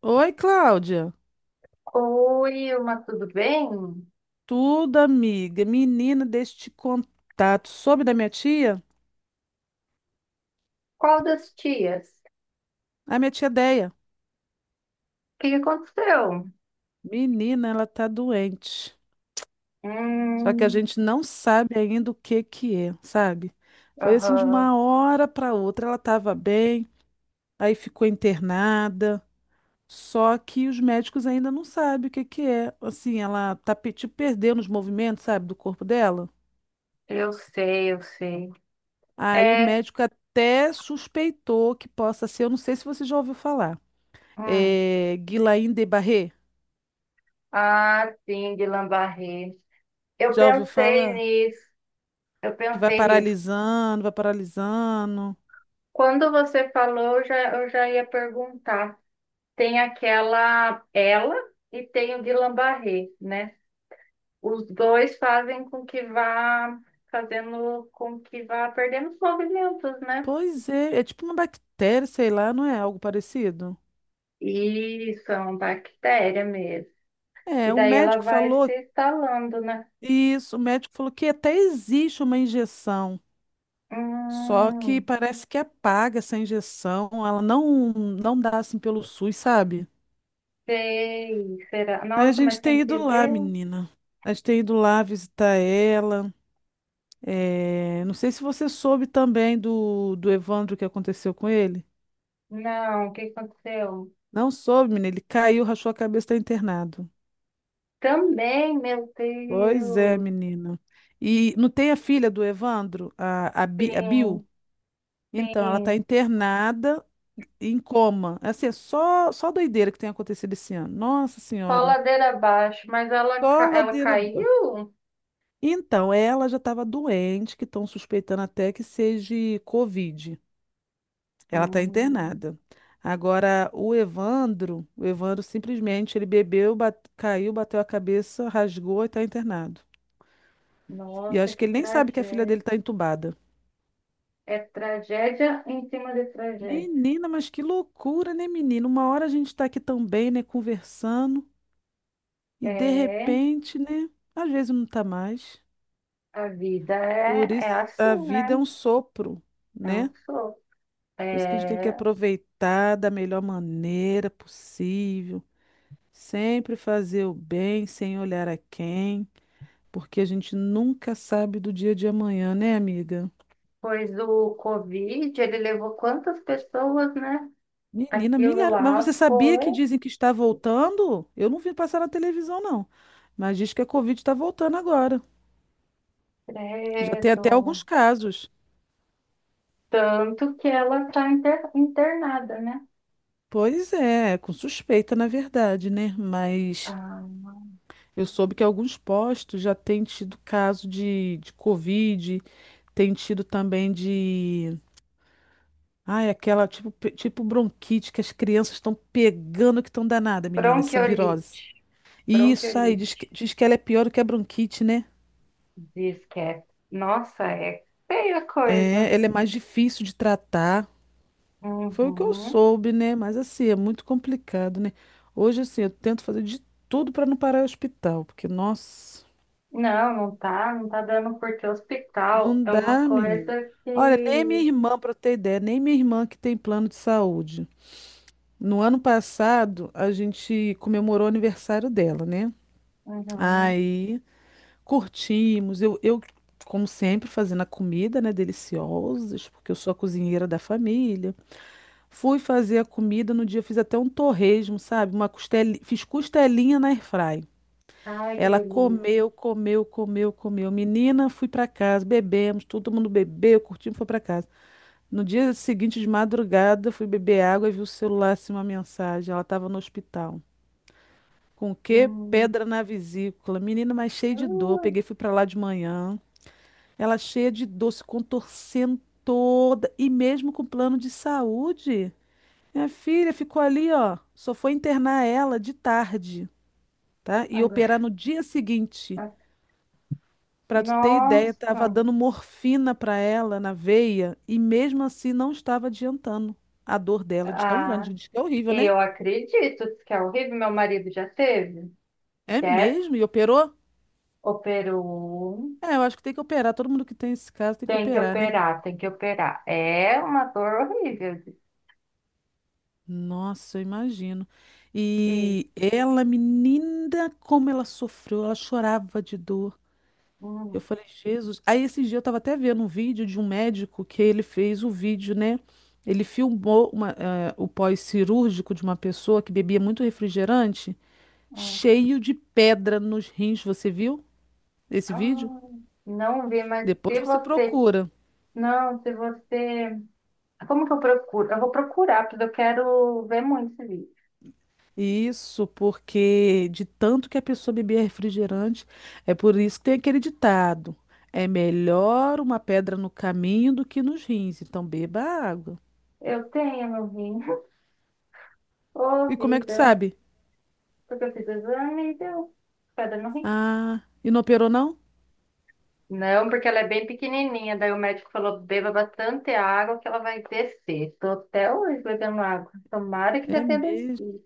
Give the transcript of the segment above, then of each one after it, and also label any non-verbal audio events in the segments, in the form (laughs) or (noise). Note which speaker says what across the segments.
Speaker 1: Oi, Cláudia.
Speaker 2: Oi, Ilma, tudo bem?
Speaker 1: Tudo, amiga. Menina, deixa eu te contar. Tu soube da minha tia?
Speaker 2: Qual das tias?
Speaker 1: A minha tia Deia.
Speaker 2: O que que aconteceu?
Speaker 1: Menina, ela tá doente. Só que a
Speaker 2: Hum.
Speaker 1: gente não sabe ainda o que que é, sabe? Foi assim de
Speaker 2: Aham.
Speaker 1: uma hora para outra. Ela tava bem, aí ficou internada. Só que os médicos ainda não sabem o que que é. Assim, ela tá tipo, perdendo os movimentos, sabe, do corpo dela.
Speaker 2: Eu sei, eu sei.
Speaker 1: Aí o
Speaker 2: É.
Speaker 1: médico até suspeitou que possa ser. Eu não sei se você já ouviu falar.
Speaker 2: Hum.
Speaker 1: É, Guillain de Barré.
Speaker 2: Ah, sim, de lambarré. Eu
Speaker 1: Já ouviu
Speaker 2: pensei
Speaker 1: falar?
Speaker 2: nisso, eu
Speaker 1: Que vai
Speaker 2: pensei nisso.
Speaker 1: paralisando, vai paralisando.
Speaker 2: Quando você falou, eu já ia perguntar. Tem aquela ela e tem o de lambarré, né? Os dois fazem com que vá fazendo com que vá perdendo os movimentos, né?
Speaker 1: Pois é, é tipo uma bactéria, sei lá, não é algo parecido?
Speaker 2: Isso, é uma bactéria mesmo.
Speaker 1: É,
Speaker 2: E
Speaker 1: o
Speaker 2: daí ela
Speaker 1: médico
Speaker 2: vai
Speaker 1: falou
Speaker 2: se instalando, né?
Speaker 1: isso, o médico falou que até existe uma injeção, só que
Speaker 2: Hum.
Speaker 1: parece que apaga essa injeção, ela não dá assim pelo SUS, sabe?
Speaker 2: Sei, será?
Speaker 1: Aí a
Speaker 2: Nossa,
Speaker 1: gente
Speaker 2: mas tem
Speaker 1: tem
Speaker 2: que
Speaker 1: ido lá,
Speaker 2: ver?
Speaker 1: menina. A gente tem ido lá visitar ela. É, não sei se você soube também do Evandro que aconteceu com ele.
Speaker 2: Não, o que aconteceu?
Speaker 1: Não soube, menina. Ele caiu, rachou a cabeça, está internado.
Speaker 2: Também, meu
Speaker 1: Pois é,
Speaker 2: Deus.
Speaker 1: menina. E não tem a filha do Evandro, a Bill?
Speaker 2: Sim,
Speaker 1: Então, ela está
Speaker 2: sim.
Speaker 1: internada em coma. É, assim, é só doideira que tem acontecido esse ano. Nossa
Speaker 2: Só
Speaker 1: Senhora.
Speaker 2: ladeira abaixo, mas ela,
Speaker 1: Só
Speaker 2: ela
Speaker 1: ladeira.
Speaker 2: caiu?
Speaker 1: Então, ela já estava doente, que estão suspeitando até que seja Covid. Ela está
Speaker 2: Hum,
Speaker 1: internada. Agora, o Evandro simplesmente, ele bebeu, caiu, bateu a cabeça, rasgou e está internado. E
Speaker 2: nossa,
Speaker 1: acho que
Speaker 2: que
Speaker 1: ele nem sabe que a filha
Speaker 2: tragédia.
Speaker 1: dele tá entubada.
Speaker 2: É tragédia em cima de tragédia.
Speaker 1: Menina, mas que loucura, né, menina? Uma hora a gente tá aqui também, né, conversando, e de
Speaker 2: É,
Speaker 1: repente, né, às vezes não tá mais.
Speaker 2: a vida é,
Speaker 1: Por
Speaker 2: é
Speaker 1: isso a
Speaker 2: assim,
Speaker 1: vida é
Speaker 2: né?
Speaker 1: um sopro,
Speaker 2: É um
Speaker 1: né?
Speaker 2: sopro.
Speaker 1: Por isso que a gente tem que
Speaker 2: É,
Speaker 1: aproveitar da melhor maneira possível, sempre fazer o bem sem olhar a quem, porque a gente nunca sabe do dia de amanhã, né, amiga?
Speaker 2: pois o Covid, ele levou quantas pessoas, né?
Speaker 1: Menina,
Speaker 2: Aquilo
Speaker 1: milhares. Mas
Speaker 2: lá
Speaker 1: você sabia
Speaker 2: foi,
Speaker 1: que dizem que está voltando? Eu não vi passar na televisão, não. Mas diz que a Covid está voltando agora. Já tem até
Speaker 2: credo.
Speaker 1: alguns casos.
Speaker 2: Tanto que ela está internada, né?
Speaker 1: Pois é, com suspeita, na verdade, né? Mas
Speaker 2: Ah,
Speaker 1: eu soube que alguns postos já têm tido caso de Covid, tem tido também de. Ai, aquela tipo, tipo bronquite que as crianças estão pegando que estão danada, menina, essa
Speaker 2: bronquiolite.
Speaker 1: virose. E isso aí, diz
Speaker 2: Bronquiolite.
Speaker 1: que, diz que ela é pior do que a bronquite, né?
Speaker 2: Diz que é. Nossa, é feia a coisa.
Speaker 1: É, ela é mais difícil de tratar. Foi o que eu
Speaker 2: Uhum.
Speaker 1: soube, né? Mas assim, é muito complicado, né? Hoje, assim, eu tento fazer de tudo para não parar no hospital, porque, nossa,
Speaker 2: Não, não tá dando porque hospital
Speaker 1: não
Speaker 2: é uma
Speaker 1: dá, menina.
Speaker 2: coisa
Speaker 1: Olha, nem minha
Speaker 2: que.
Speaker 1: irmã, para ter ideia, nem minha irmã que tem plano de saúde. No ano passado, a gente comemorou o aniversário dela, né?
Speaker 2: Uhum.
Speaker 1: Aí curtimos. Eu, como sempre, fazendo a comida, né? Deliciosos, porque eu sou a cozinheira da família. Fui fazer a comida no dia, fiz até um torresmo, sabe? Fiz costelinha na airfry.
Speaker 2: Ai, que
Speaker 1: Ela
Speaker 2: delícia.
Speaker 1: comeu, comeu, comeu, comeu. Menina, fui para casa, bebemos, todo mundo bebeu, curtimos, foi para casa. No dia seguinte, de madrugada, fui beber água e vi o celular, assim, uma mensagem. Ela estava no hospital. Com o quê?
Speaker 2: Hum.
Speaker 1: Pedra na vesícula. Menina, mas cheia de dor.
Speaker 2: Ui.
Speaker 1: Peguei, fui para lá de manhã. Ela cheia de dor, se contorcendo toda. E mesmo com plano de saúde. Minha filha ficou ali, ó. Só foi internar ela de tarde, tá? E
Speaker 2: Agora.
Speaker 1: operar no dia seguinte. Pra tu ter ideia,
Speaker 2: Nossa.
Speaker 1: tava dando morfina pra ela na veia e mesmo assim não estava adiantando a dor dela de tão
Speaker 2: Ah,
Speaker 1: grande. Diz que é horrível, né?
Speaker 2: eu acredito que é horrível. Meu marido já teve.
Speaker 1: É
Speaker 2: Deve,
Speaker 1: mesmo? E operou?
Speaker 2: operou.
Speaker 1: É, eu acho que tem que operar. Todo mundo que tem esse caso tem que
Speaker 2: Tem que
Speaker 1: operar, né?
Speaker 2: operar, tem que operar. É uma dor horrível.
Speaker 1: Nossa, eu imagino.
Speaker 2: E.
Speaker 1: E ela, menina, como ela sofreu, ela chorava de dor. Eu
Speaker 2: Hum.
Speaker 1: falei, Jesus. Aí esse dia eu tava até vendo um vídeo de um médico que ele fez o vídeo, né? Ele filmou o pós-cirúrgico de uma pessoa que bebia muito refrigerante,
Speaker 2: Hum.
Speaker 1: cheio de pedra nos rins. Você viu esse
Speaker 2: Ah,
Speaker 1: vídeo?
Speaker 2: não vi, mas
Speaker 1: Depois
Speaker 2: se
Speaker 1: você
Speaker 2: você.
Speaker 1: procura.
Speaker 2: Não, se você. Como que eu procuro? Eu vou procurar, porque eu quero ver muito esse vídeo.
Speaker 1: Isso, porque de tanto que a pessoa bebia refrigerante, é por isso que tem aquele ditado: é melhor uma pedra no caminho do que nos rins. Então beba água.
Speaker 2: Eu tenho no rim. (laughs) Ô,
Speaker 1: E como é que tu
Speaker 2: vida.
Speaker 1: sabe?
Speaker 2: Porque eu fiz exame e deu. Pedra no rim.
Speaker 1: Ah, e não operou não?
Speaker 2: Não, porque ela é bem pequenininha. Daí o médico falou: beba bastante água que ela vai descer. Tô até hoje bebendo água. Tomara que já
Speaker 1: É
Speaker 2: tenha
Speaker 1: mesmo.
Speaker 2: descido.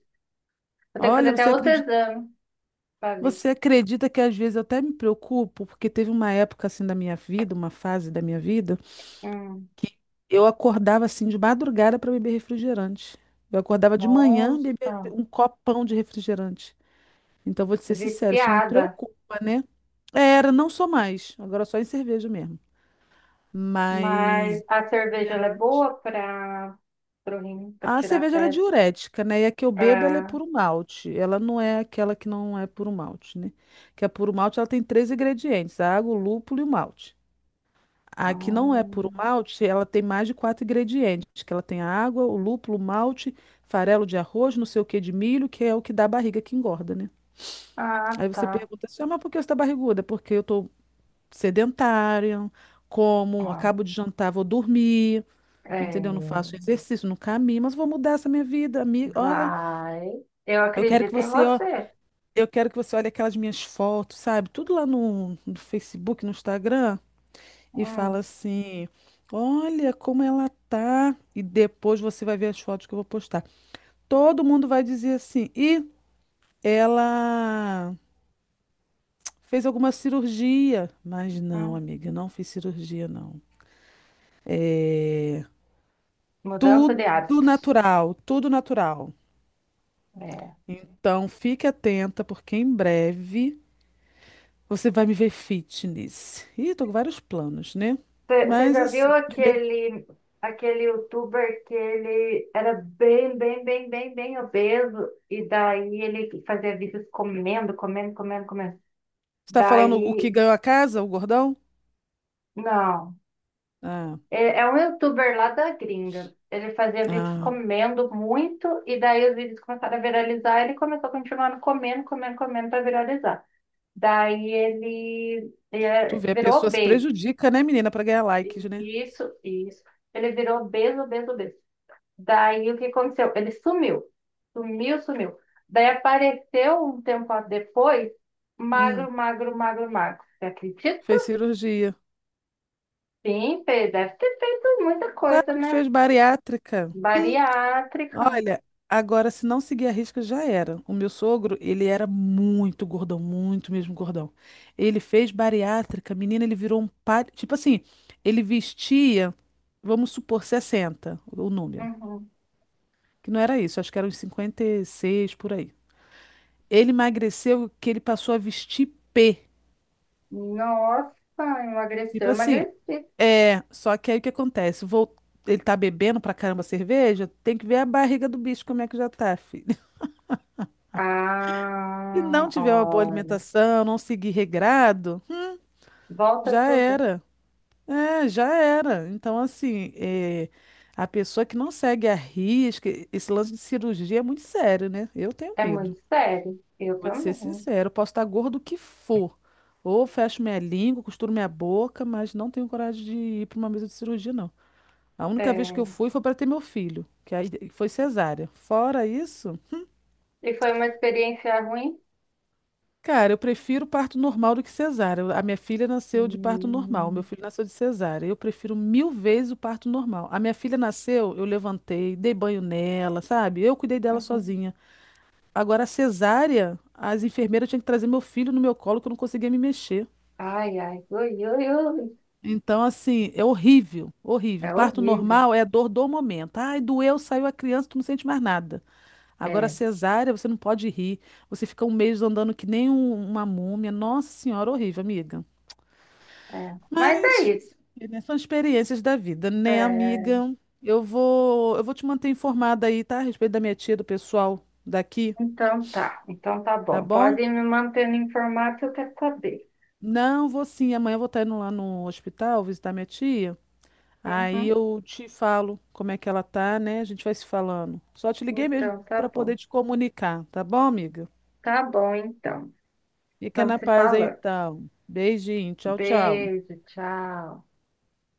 Speaker 2: Vou ter que fazer
Speaker 1: Olha,
Speaker 2: até
Speaker 1: você
Speaker 2: outro
Speaker 1: acredita,
Speaker 2: exame para ver.
Speaker 1: você acredita que às vezes eu até me preocupo, porque teve uma época assim da minha vida, uma fase da minha vida,
Speaker 2: Hum,
Speaker 1: eu acordava assim de madrugada para beber refrigerante. Eu acordava de manhã beber
Speaker 2: nossa,
Speaker 1: um copão de refrigerante. Então, vou te ser sincero, isso me
Speaker 2: viciada.
Speaker 1: preocupa, né? É, era, não sou mais. Agora só em cerveja mesmo.
Speaker 2: Mas
Speaker 1: Mas
Speaker 2: a cerveja ela é
Speaker 1: refrigerante.
Speaker 2: boa para o rim, para
Speaker 1: A
Speaker 2: tirar
Speaker 1: cerveja ela é
Speaker 2: pedra.
Speaker 1: diurética, né? E a que eu bebo ela é
Speaker 2: É.
Speaker 1: puro malte. Ela não é aquela que não é puro malte, né? Que a puro malte ela tem três ingredientes: a água, o lúpulo e o malte. A que não é puro
Speaker 2: Hum,
Speaker 1: malte, ela tem mais de quatro ingredientes, que ela tem a água, o lúpulo, o malte, farelo de arroz, não sei o que de milho, que é o que dá a barriga que engorda, né?
Speaker 2: ah,
Speaker 1: Aí você
Speaker 2: tá.
Speaker 1: pergunta assim, ah, mas por que você tá barriguda? Porque eu tô sedentária, como,
Speaker 2: Ó,
Speaker 1: acabo de jantar, vou dormir, entendeu? Não
Speaker 2: é,
Speaker 1: faço exercício, não caminho, mas vou mudar essa minha vida, amiga. Olha,
Speaker 2: vai. Eu
Speaker 1: Eu quero que
Speaker 2: acredito em
Speaker 1: você, ó,
Speaker 2: você.
Speaker 1: eu quero que você olhe aquelas minhas fotos, sabe? Tudo lá no Facebook, no Instagram, e fala
Speaker 2: Hum.
Speaker 1: assim: "Olha como ela tá". E depois você vai ver as fotos que eu vou postar. Todo mundo vai dizer assim: "E ela fez alguma cirurgia?". Mas não,
Speaker 2: Hum.
Speaker 1: amiga, não fiz cirurgia não. É
Speaker 2: Mudança de
Speaker 1: tudo
Speaker 2: hábitos.
Speaker 1: natural, tudo natural.
Speaker 2: É.
Speaker 1: Então fique atenta porque em breve você vai me ver fitness. Ih, tô com vários planos, né?
Speaker 2: Você
Speaker 1: Mas
Speaker 2: já viu
Speaker 1: assim, primeiro,
Speaker 2: aquele youtuber que ele era bem obeso e daí ele fazia vídeos comendo.
Speaker 1: você tá falando o
Speaker 2: Daí,
Speaker 1: que ganhou a casa, o gordão?
Speaker 2: não.
Speaker 1: Ah,
Speaker 2: É, é um youtuber lá da gringa. Ele fazia vídeos
Speaker 1: ah.
Speaker 2: comendo muito e daí os vídeos começaram a viralizar e ele começou a continuar comendo para viralizar. Daí
Speaker 1: Tu
Speaker 2: ele
Speaker 1: vê, a
Speaker 2: virou
Speaker 1: pessoa se
Speaker 2: obeso.
Speaker 1: prejudica, né, menina, pra ganhar likes, né?
Speaker 2: Isso, isso. Ele virou obeso. Daí o que aconteceu? Ele sumiu. Sumiu, sumiu. Daí apareceu um tempo depois,
Speaker 1: Hum,
Speaker 2: magro. Você acredita?
Speaker 1: Fez cirurgia.
Speaker 2: Sim, Pedro, deve ter feito muita
Speaker 1: Claro
Speaker 2: coisa,
Speaker 1: que
Speaker 2: né?
Speaker 1: fez bariátrica.
Speaker 2: Bariátrica.
Speaker 1: Olha, agora se não seguir a risca já era. O meu sogro, ele era muito gordão, muito mesmo gordão. Ele fez bariátrica, menina, ele virou um par, tipo assim, ele vestia, vamos supor 60, o número,
Speaker 2: Uhum.
Speaker 1: que não era isso, acho que era uns 56 por aí. Ele emagreceu que ele passou a vestir P.
Speaker 2: Nossa,
Speaker 1: Tipo
Speaker 2: emagreceu,
Speaker 1: assim,
Speaker 2: emagreci.
Speaker 1: é, só que aí o que acontece? Ele tá bebendo pra caramba cerveja, tem que ver a barriga do bicho como é que já tá, filho. (laughs) Se não
Speaker 2: Ah,
Speaker 1: tiver uma boa
Speaker 2: olha.
Speaker 1: alimentação, não seguir regrado,
Speaker 2: Volta
Speaker 1: já
Speaker 2: tudo.
Speaker 1: era. É, já era. Então, assim, é, a pessoa que não segue a risca, esse lance de cirurgia é muito sério, né? Eu tenho
Speaker 2: É muito
Speaker 1: medo.
Speaker 2: sério. Eu
Speaker 1: Vou te ser
Speaker 2: também.
Speaker 1: sincero, eu posso estar gordo o que for. Ou fecho minha língua, costuro minha boca, mas não tenho coragem de ir para uma mesa de cirurgia, não. A única vez que eu
Speaker 2: É.
Speaker 1: fui foi para ter meu filho, que aí foi cesárea. Fora isso,
Speaker 2: E foi uma experiência ruim?
Speaker 1: cara, eu prefiro parto normal do que cesárea. A minha filha nasceu de parto normal, meu
Speaker 2: Hum.
Speaker 1: filho nasceu de cesárea. Eu prefiro mil vezes o parto normal. A minha filha nasceu, eu levantei, dei banho nela, sabe? Eu cuidei dela
Speaker 2: Uhum.
Speaker 1: sozinha. Agora, a cesárea, as enfermeiras tinham que trazer meu filho no meu colo, que eu não conseguia me mexer.
Speaker 2: Ai, ai, ui, ui, ui.
Speaker 1: Então, assim, é horrível, horrível.
Speaker 2: É
Speaker 1: Parto
Speaker 2: horrível.
Speaker 1: normal é a dor do momento. Ai, doeu, saiu a criança, tu não sente mais nada. Agora,
Speaker 2: É,
Speaker 1: cesárea, você não pode rir. Você fica um mês andando que nem uma múmia. Nossa Senhora, horrível, amiga.
Speaker 2: é. Mas é
Speaker 1: Mas, fazer
Speaker 2: isso.
Speaker 1: o quê, né? São experiências da vida, né,
Speaker 2: É,
Speaker 1: amiga? Eu vou te manter informada aí, tá? A respeito da minha tia, do pessoal daqui,
Speaker 2: então tá
Speaker 1: tá
Speaker 2: bom.
Speaker 1: bom?
Speaker 2: Pode ir me mantendo informado que eu quero saber.
Speaker 1: Não, vou sim. Amanhã eu vou estar indo lá no hospital visitar minha tia. Aí
Speaker 2: Uhum.
Speaker 1: eu te falo como é que ela tá, né? A gente vai se falando. Só te liguei mesmo
Speaker 2: Então tá
Speaker 1: para poder
Speaker 2: bom.
Speaker 1: te comunicar, tá bom, amiga?
Speaker 2: Tá bom, então.
Speaker 1: Fica na
Speaker 2: Vamos se
Speaker 1: paz aí,
Speaker 2: falando.
Speaker 1: então. Beijinho, tchau, tchau.
Speaker 2: Beijo, tchau.